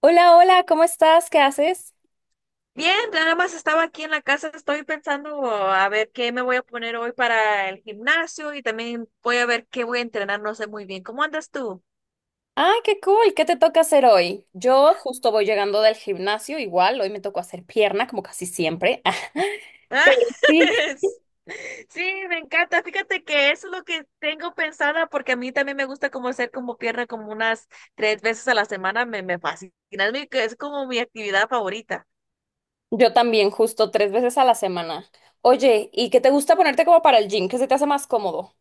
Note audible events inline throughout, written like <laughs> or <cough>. Hola, hola, ¿cómo estás? ¿Qué haces? Bien, nada más estaba aquí en la casa, estoy pensando a ver qué me voy a poner hoy para el gimnasio y también voy a ver qué voy a entrenar, no sé muy bien. ¿Cómo andas tú? Ah, qué cool, ¿qué te toca hacer hoy? Yo justo voy llegando del gimnasio, igual, hoy me tocó hacer pierna, como casi siempre. <laughs> Ah, Pero sí. <laughs> Sí, me encanta. Fíjate que eso es lo que tengo pensada porque a mí también me gusta como hacer como pierna como unas tres veces a la semana, me fascina, es como mi actividad favorita. Yo también, justo 3 veces a la semana. Oye, ¿y qué te gusta ponerte como para el gym? ¿Qué se te hace más cómodo?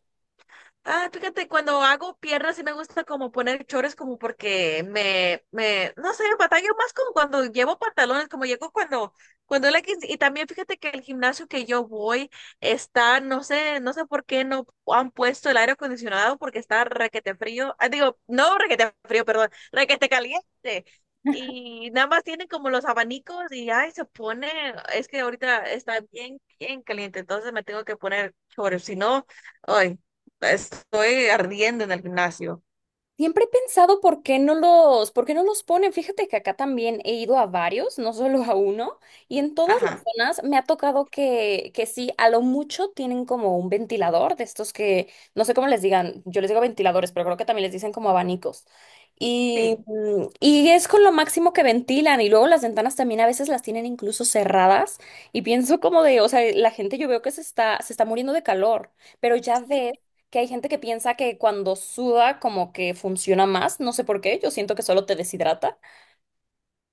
Ah, fíjate, cuando hago piernas sí me gusta como poner chores como porque no sé, batallo más como cuando llevo pantalones, como llego y también fíjate que el gimnasio que yo voy está, no sé por qué no han puesto el aire acondicionado porque está requete frío, digo, no requete frío, perdón, requete caliente. Y nada más tienen como los abanicos y ay, se pone, es que ahorita está bien, bien caliente, entonces me tengo que poner chores, si no, ay. Estoy ardiendo en el gimnasio. Siempre he pensado por qué no los, por qué no los ponen. Fíjate que acá también he ido a varios, no solo a uno, y en todas las Ajá, zonas me ha tocado que sí, a lo mucho tienen como un ventilador de estos que, no sé cómo les digan, yo les digo ventiladores, pero creo que también les dicen como abanicos. Y, sí. Y es con lo máximo que ventilan, y luego las ventanas también a veces las tienen incluso cerradas, y pienso como de, o sea, la gente yo veo que se está muriendo de calor, pero ya Sí, ves que hay gente que piensa que cuando suda como que funciona más, no sé por qué, yo siento que solo te deshidrata.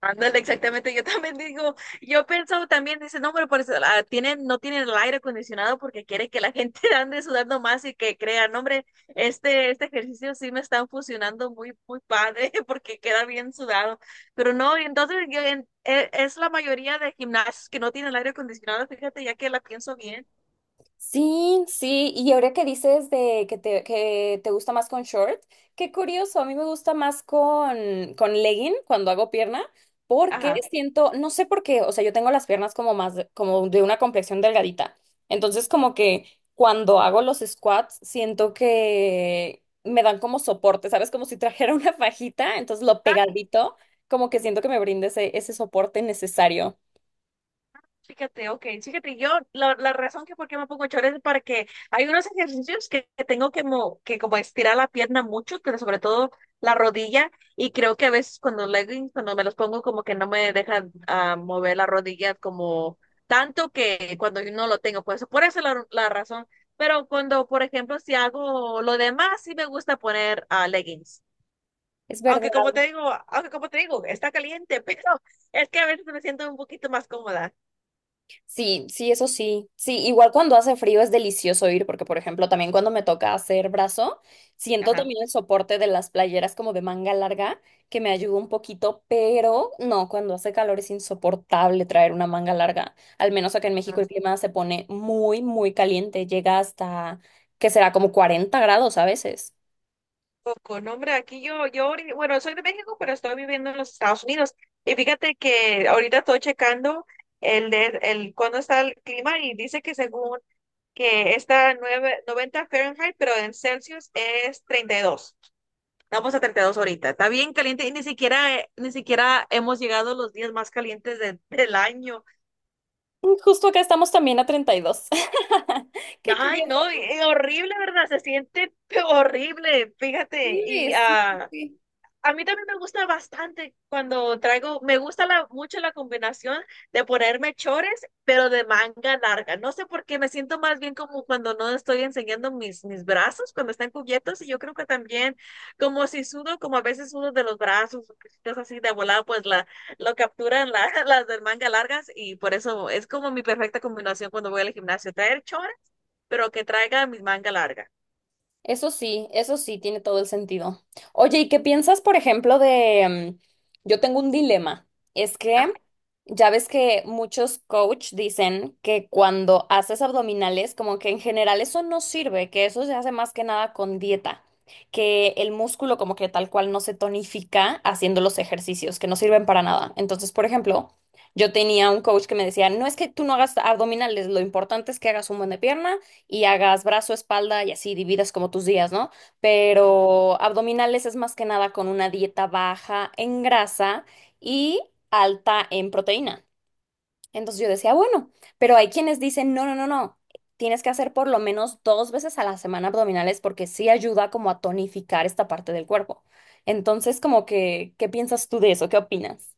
ándale, exactamente. Yo también digo, yo pensaba también, dice, no, pero por eso, no tienen el aire acondicionado porque quiere que la gente <laughs> ande sudando más y que crean, hombre, este ejercicio sí me están funcionando muy, muy padre <laughs> porque queda bien sudado. Pero no, y entonces es la mayoría de gimnasios que no tienen el aire acondicionado, fíjate, ya que la pienso bien. Sí, sí, y ahora que dices de que te gusta más con short, qué curioso, a mí me gusta más con legging cuando hago pierna, porque Ajá. siento, no sé por qué, o sea, yo tengo las piernas como más, como de una complexión delgadita, entonces como que cuando hago los squats siento que me dan como soporte, ¿sabes? Como si trajera <laughs> una fajita, entonces lo pegadito, como que siento que me brinde ese, ese soporte necesario. Fíjate, ok, fíjate, yo la razón que por qué me pongo chores es para que hay unos ejercicios que tengo que como estirar la pierna mucho, pero sobre todo la rodilla, y creo que a veces cuando leggings, cuando me los pongo como que no me dejan mover la rodilla como tanto que cuando yo no lo tengo, pues por eso la razón, pero cuando, por ejemplo, si hago lo demás, sí me gusta poner leggings. Es verdad. Aunque como te digo, aunque como te digo, está caliente, <laughs> pero es que a veces me siento un poquito más cómoda. Sí, sí, eso sí. Sí, igual cuando hace frío es delicioso ir, porque por ejemplo, también cuando me toca hacer brazo, siento Ajá. también el soporte de las playeras como de manga larga, que me ayuda un poquito, pero no, cuando hace calor es insoportable traer una manga larga. Al menos acá en México el clima se pone muy, muy caliente, llega hasta que será como 40 grados a veces. Poco, no, hombre, aquí bueno, soy de México, pero estoy viviendo en los Estados Unidos. Y fíjate que ahorita estoy checando cuándo está el clima y dice que según que está 90 Fahrenheit, pero en Celsius es 32. Vamos a 32 ahorita. Está bien caliente y ni siquiera, ni siquiera hemos llegado a los días más calientes del año. Justo acá estamos también a 32. <laughs> Qué Ay, curioso. no, y horrible, ¿verdad? Se siente <laughs> horrible, fíjate. Sí, Y, sí, ah, sí. a mí también me gusta bastante cuando traigo, me gusta mucho la combinación de ponerme chores, pero de manga larga. No sé por qué me siento más bien como cuando no estoy enseñando mis brazos, cuando están cubiertos. Y yo creo que también, como si sudo, como a veces sudo de los brazos, cosas así de volada, pues lo capturan <laughs> las del manga largas. Y por eso es como mi perfecta combinación cuando voy al gimnasio, traer chores, pero que traiga mi manga larga. Eso sí, eso sí, tiene todo el sentido. Oye, ¿y qué piensas, por ejemplo, de... Yo tengo un dilema. Es Ajá. que ya ves que muchos coach dicen que cuando haces abdominales, como que en general eso no sirve, que eso se hace más que nada con dieta, que el músculo como que tal cual no se tonifica haciendo los ejercicios, que no sirven para nada. Entonces, por ejemplo, yo tenía un coach que me decía, no es que tú no hagas abdominales, lo importante es que hagas un buen de pierna y hagas brazo, espalda y así dividas como tus días, ¿no? Pero abdominales es más que nada con una dieta baja en grasa y alta en proteína. Entonces yo decía, bueno, pero hay quienes dicen, no, no, no, no, tienes que hacer por lo menos 2 veces a la semana abdominales porque sí ayuda como a tonificar esta parte del cuerpo. Entonces, como que, ¿qué piensas tú de eso? ¿Qué opinas?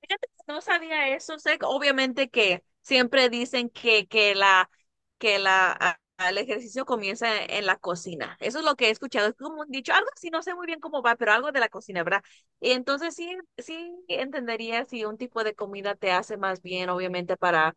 Fíjate que no sabía eso, sé que obviamente que siempre dicen que el ejercicio comienza en la cocina. Eso es lo que he escuchado, es como un dicho, algo así, no sé muy bien cómo va, pero algo de la cocina, ¿verdad? Y entonces sí, sí entendería si un tipo de comida te hace más bien, obviamente, para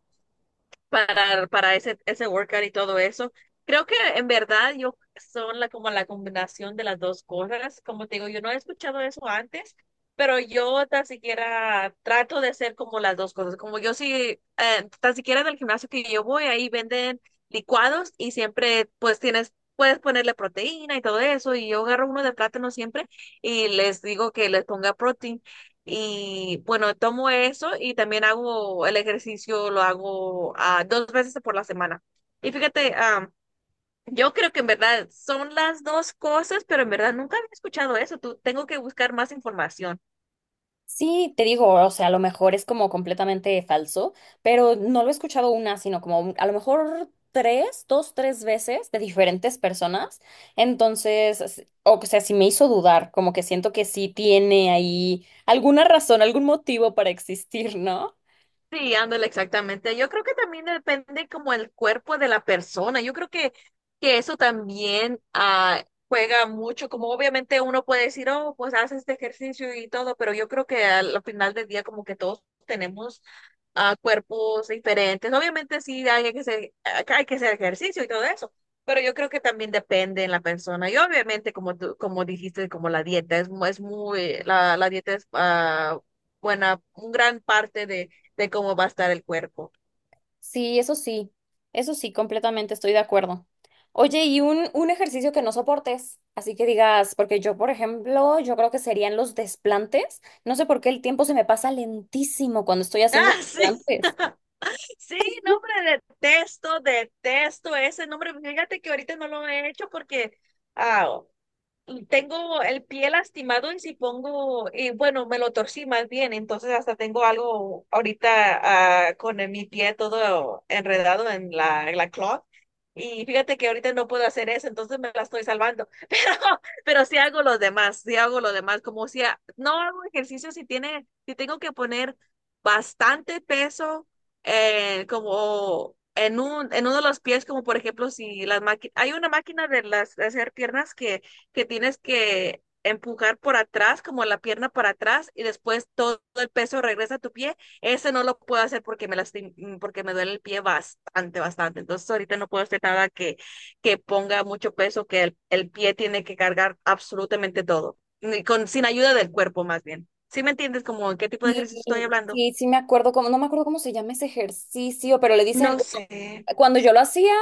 para, para ese workout y todo eso. Creo que en verdad yo son como la combinación de las dos cosas. Como te digo, yo no he escuchado eso antes, pero yo tan siquiera trato de hacer como las dos cosas. Como yo sí, tan siquiera en el gimnasio que yo voy, ahí venden licuados y siempre pues tienes, puedes ponerle proteína y todo eso. Y yo agarro uno de plátano siempre y les digo que les ponga proteína y bueno, tomo eso y también hago el ejercicio, lo hago dos veces por la semana. Y fíjate, yo creo que en verdad son las dos cosas, pero en verdad nunca había escuchado eso. Tú, tengo que buscar más información. Sí, te digo, o sea, a lo mejor es como completamente falso, pero no lo he escuchado una, sino como a lo mejor 3, 2, 3 veces de diferentes personas. Entonces, o sea, sí me hizo dudar, como que siento que sí tiene ahí alguna razón, algún motivo para existir, ¿no? Sí, ándale, exactamente. Yo creo que también depende como el cuerpo de la persona. Yo creo que eso también juega mucho, como obviamente uno puede decir, oh, pues haces este ejercicio y todo, pero yo creo que al final del día como que todos tenemos cuerpos diferentes. Obviamente sí hay que hacer ejercicio y todo eso, pero yo creo que también depende en la persona. Y obviamente como tú, como dijiste, como la dieta es muy, la dieta es buena, un gran parte de cómo va a estar el cuerpo. <laughs> Sí, eso sí, eso sí, completamente estoy de acuerdo. Oye, y un ejercicio que no soportes, así que digas, porque yo, por ejemplo, yo creo que serían los desplantes. No sé por qué el tiempo se me pasa lentísimo cuando estoy haciendo Ah, sí, desplantes. sí, nombre, detesto, detesto ese nombre. Fíjate que ahorita no lo he hecho porque ah, Tengo el pie lastimado y si pongo, y bueno, me lo torcí más bien, entonces hasta tengo algo ahorita con mi pie todo enredado en la cloth. Y fíjate que ahorita no puedo hacer eso, entonces me la estoy salvando. <laughs> Pero sí hago los demás, sí hago los demás, como si no hago ejercicio si si tengo que poner bastante peso como en en uno de los pies, como por ejemplo si las máquinas, hay una máquina de las de hacer piernas que tienes que empujar por atrás, como la pierna para atrás, y después todo el peso regresa a tu pie. Ese no lo puedo hacer porque porque me duele el pie bastante, bastante. Entonces ahorita no puedo hacer nada que ponga mucho peso, que el pie tiene que cargar absolutamente todo, ni con, sin ayuda del cuerpo más bien. ¿Sí me entiendes como en qué tipo de Y ejercicio estoy hablando? sí, sí me acuerdo cómo, no me acuerdo cómo se llama ese ejercicio, pero le No dicen, bueno, sé. cuando yo lo hacía,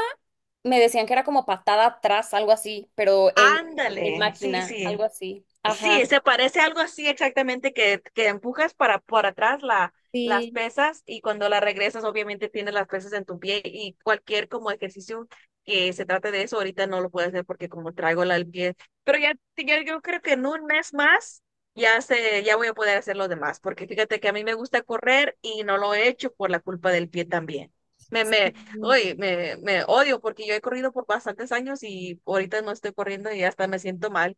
me decían que era como patada atrás, algo así, pero en Ándale, sí, máquina, algo sí. así. Ajá. Sí, se parece algo así exactamente que empujas para por atrás las Sí. pesas y cuando la regresas obviamente tienes las pesas en tu pie y cualquier como ejercicio que se trate de eso ahorita no lo puedo hacer porque como traigo la el pie. Pero ya yo creo que en un mes más ya voy a poder hacer lo demás porque fíjate que a mí me gusta correr y no lo he hecho por la culpa del pie también. Me, Sí. me, Uy, me odio porque yo he corrido por bastantes años y ahorita no estoy corriendo y hasta me siento mal.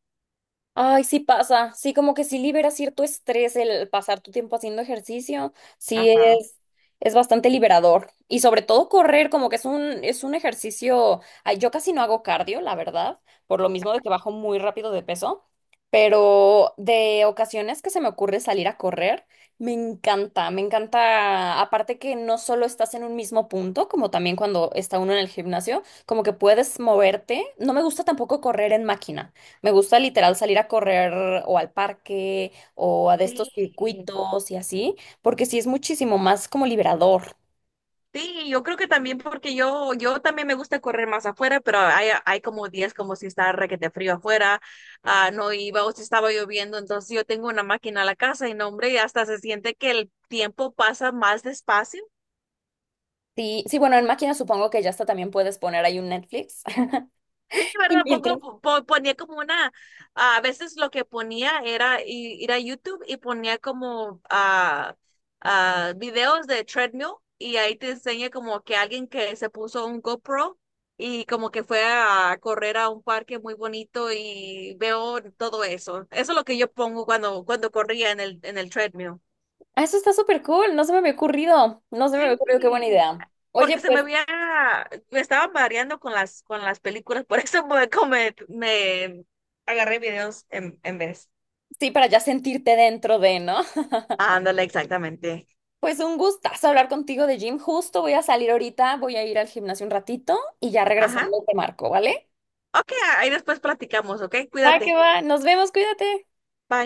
Ay, sí pasa, sí, como que sí libera cierto estrés el pasar tu tiempo haciendo ejercicio, sí Ajá. Es bastante liberador. Y sobre todo correr, como que es un ejercicio, ay, yo casi no hago cardio, la verdad, por lo mismo de que bajo muy rápido de peso, pero de ocasiones que se me ocurre salir a correr, me encanta, aparte que no solo estás en un mismo punto, como también cuando está uno en el gimnasio, como que puedes moverte, no me gusta tampoco correr en máquina. Me gusta literal salir a correr o al parque o a de estos Sí, circuitos y así, porque sí es muchísimo más como liberador. sí, yo creo que también porque yo, también me gusta correr más afuera, pero hay como días como si está requete frío afuera, no iba o si estaba lloviendo, entonces yo tengo una máquina a la casa y no, hombre, hasta se siente que el tiempo pasa más despacio. Sí, sí, bueno, en máquina supongo que ya hasta también puedes poner ahí un Netflix. <laughs> Sí, Y ¿verdad? mientras. Pongo, po- ponía como una, A veces lo que ponía era ir a YouTube y ponía como videos de treadmill y ahí te enseña como que alguien que se puso un GoPro y como que fue a correr a un parque muy bonito y veo todo eso. Eso es lo que yo pongo cuando, cuando corría en el treadmill. Ah, eso está súper cool, no se me había ocurrido, no se me había ocurrido, qué buena Sí, idea. porque Oye, pues me estaba mareando con con las películas, por eso <laughs> como me agarré videos en vez. sí, para ya sentirte dentro de, ¿no? <laughs> Ándale, exactamente. Pues un gustazo hablar contigo de gym, justo voy a salir ahorita, voy a ir al gimnasio un ratito y ya Ajá. regresando te marco, ¿vale? Ok, ahí después platicamos, ok, Va que cuídate. va, nos vemos, cuídate. Bye.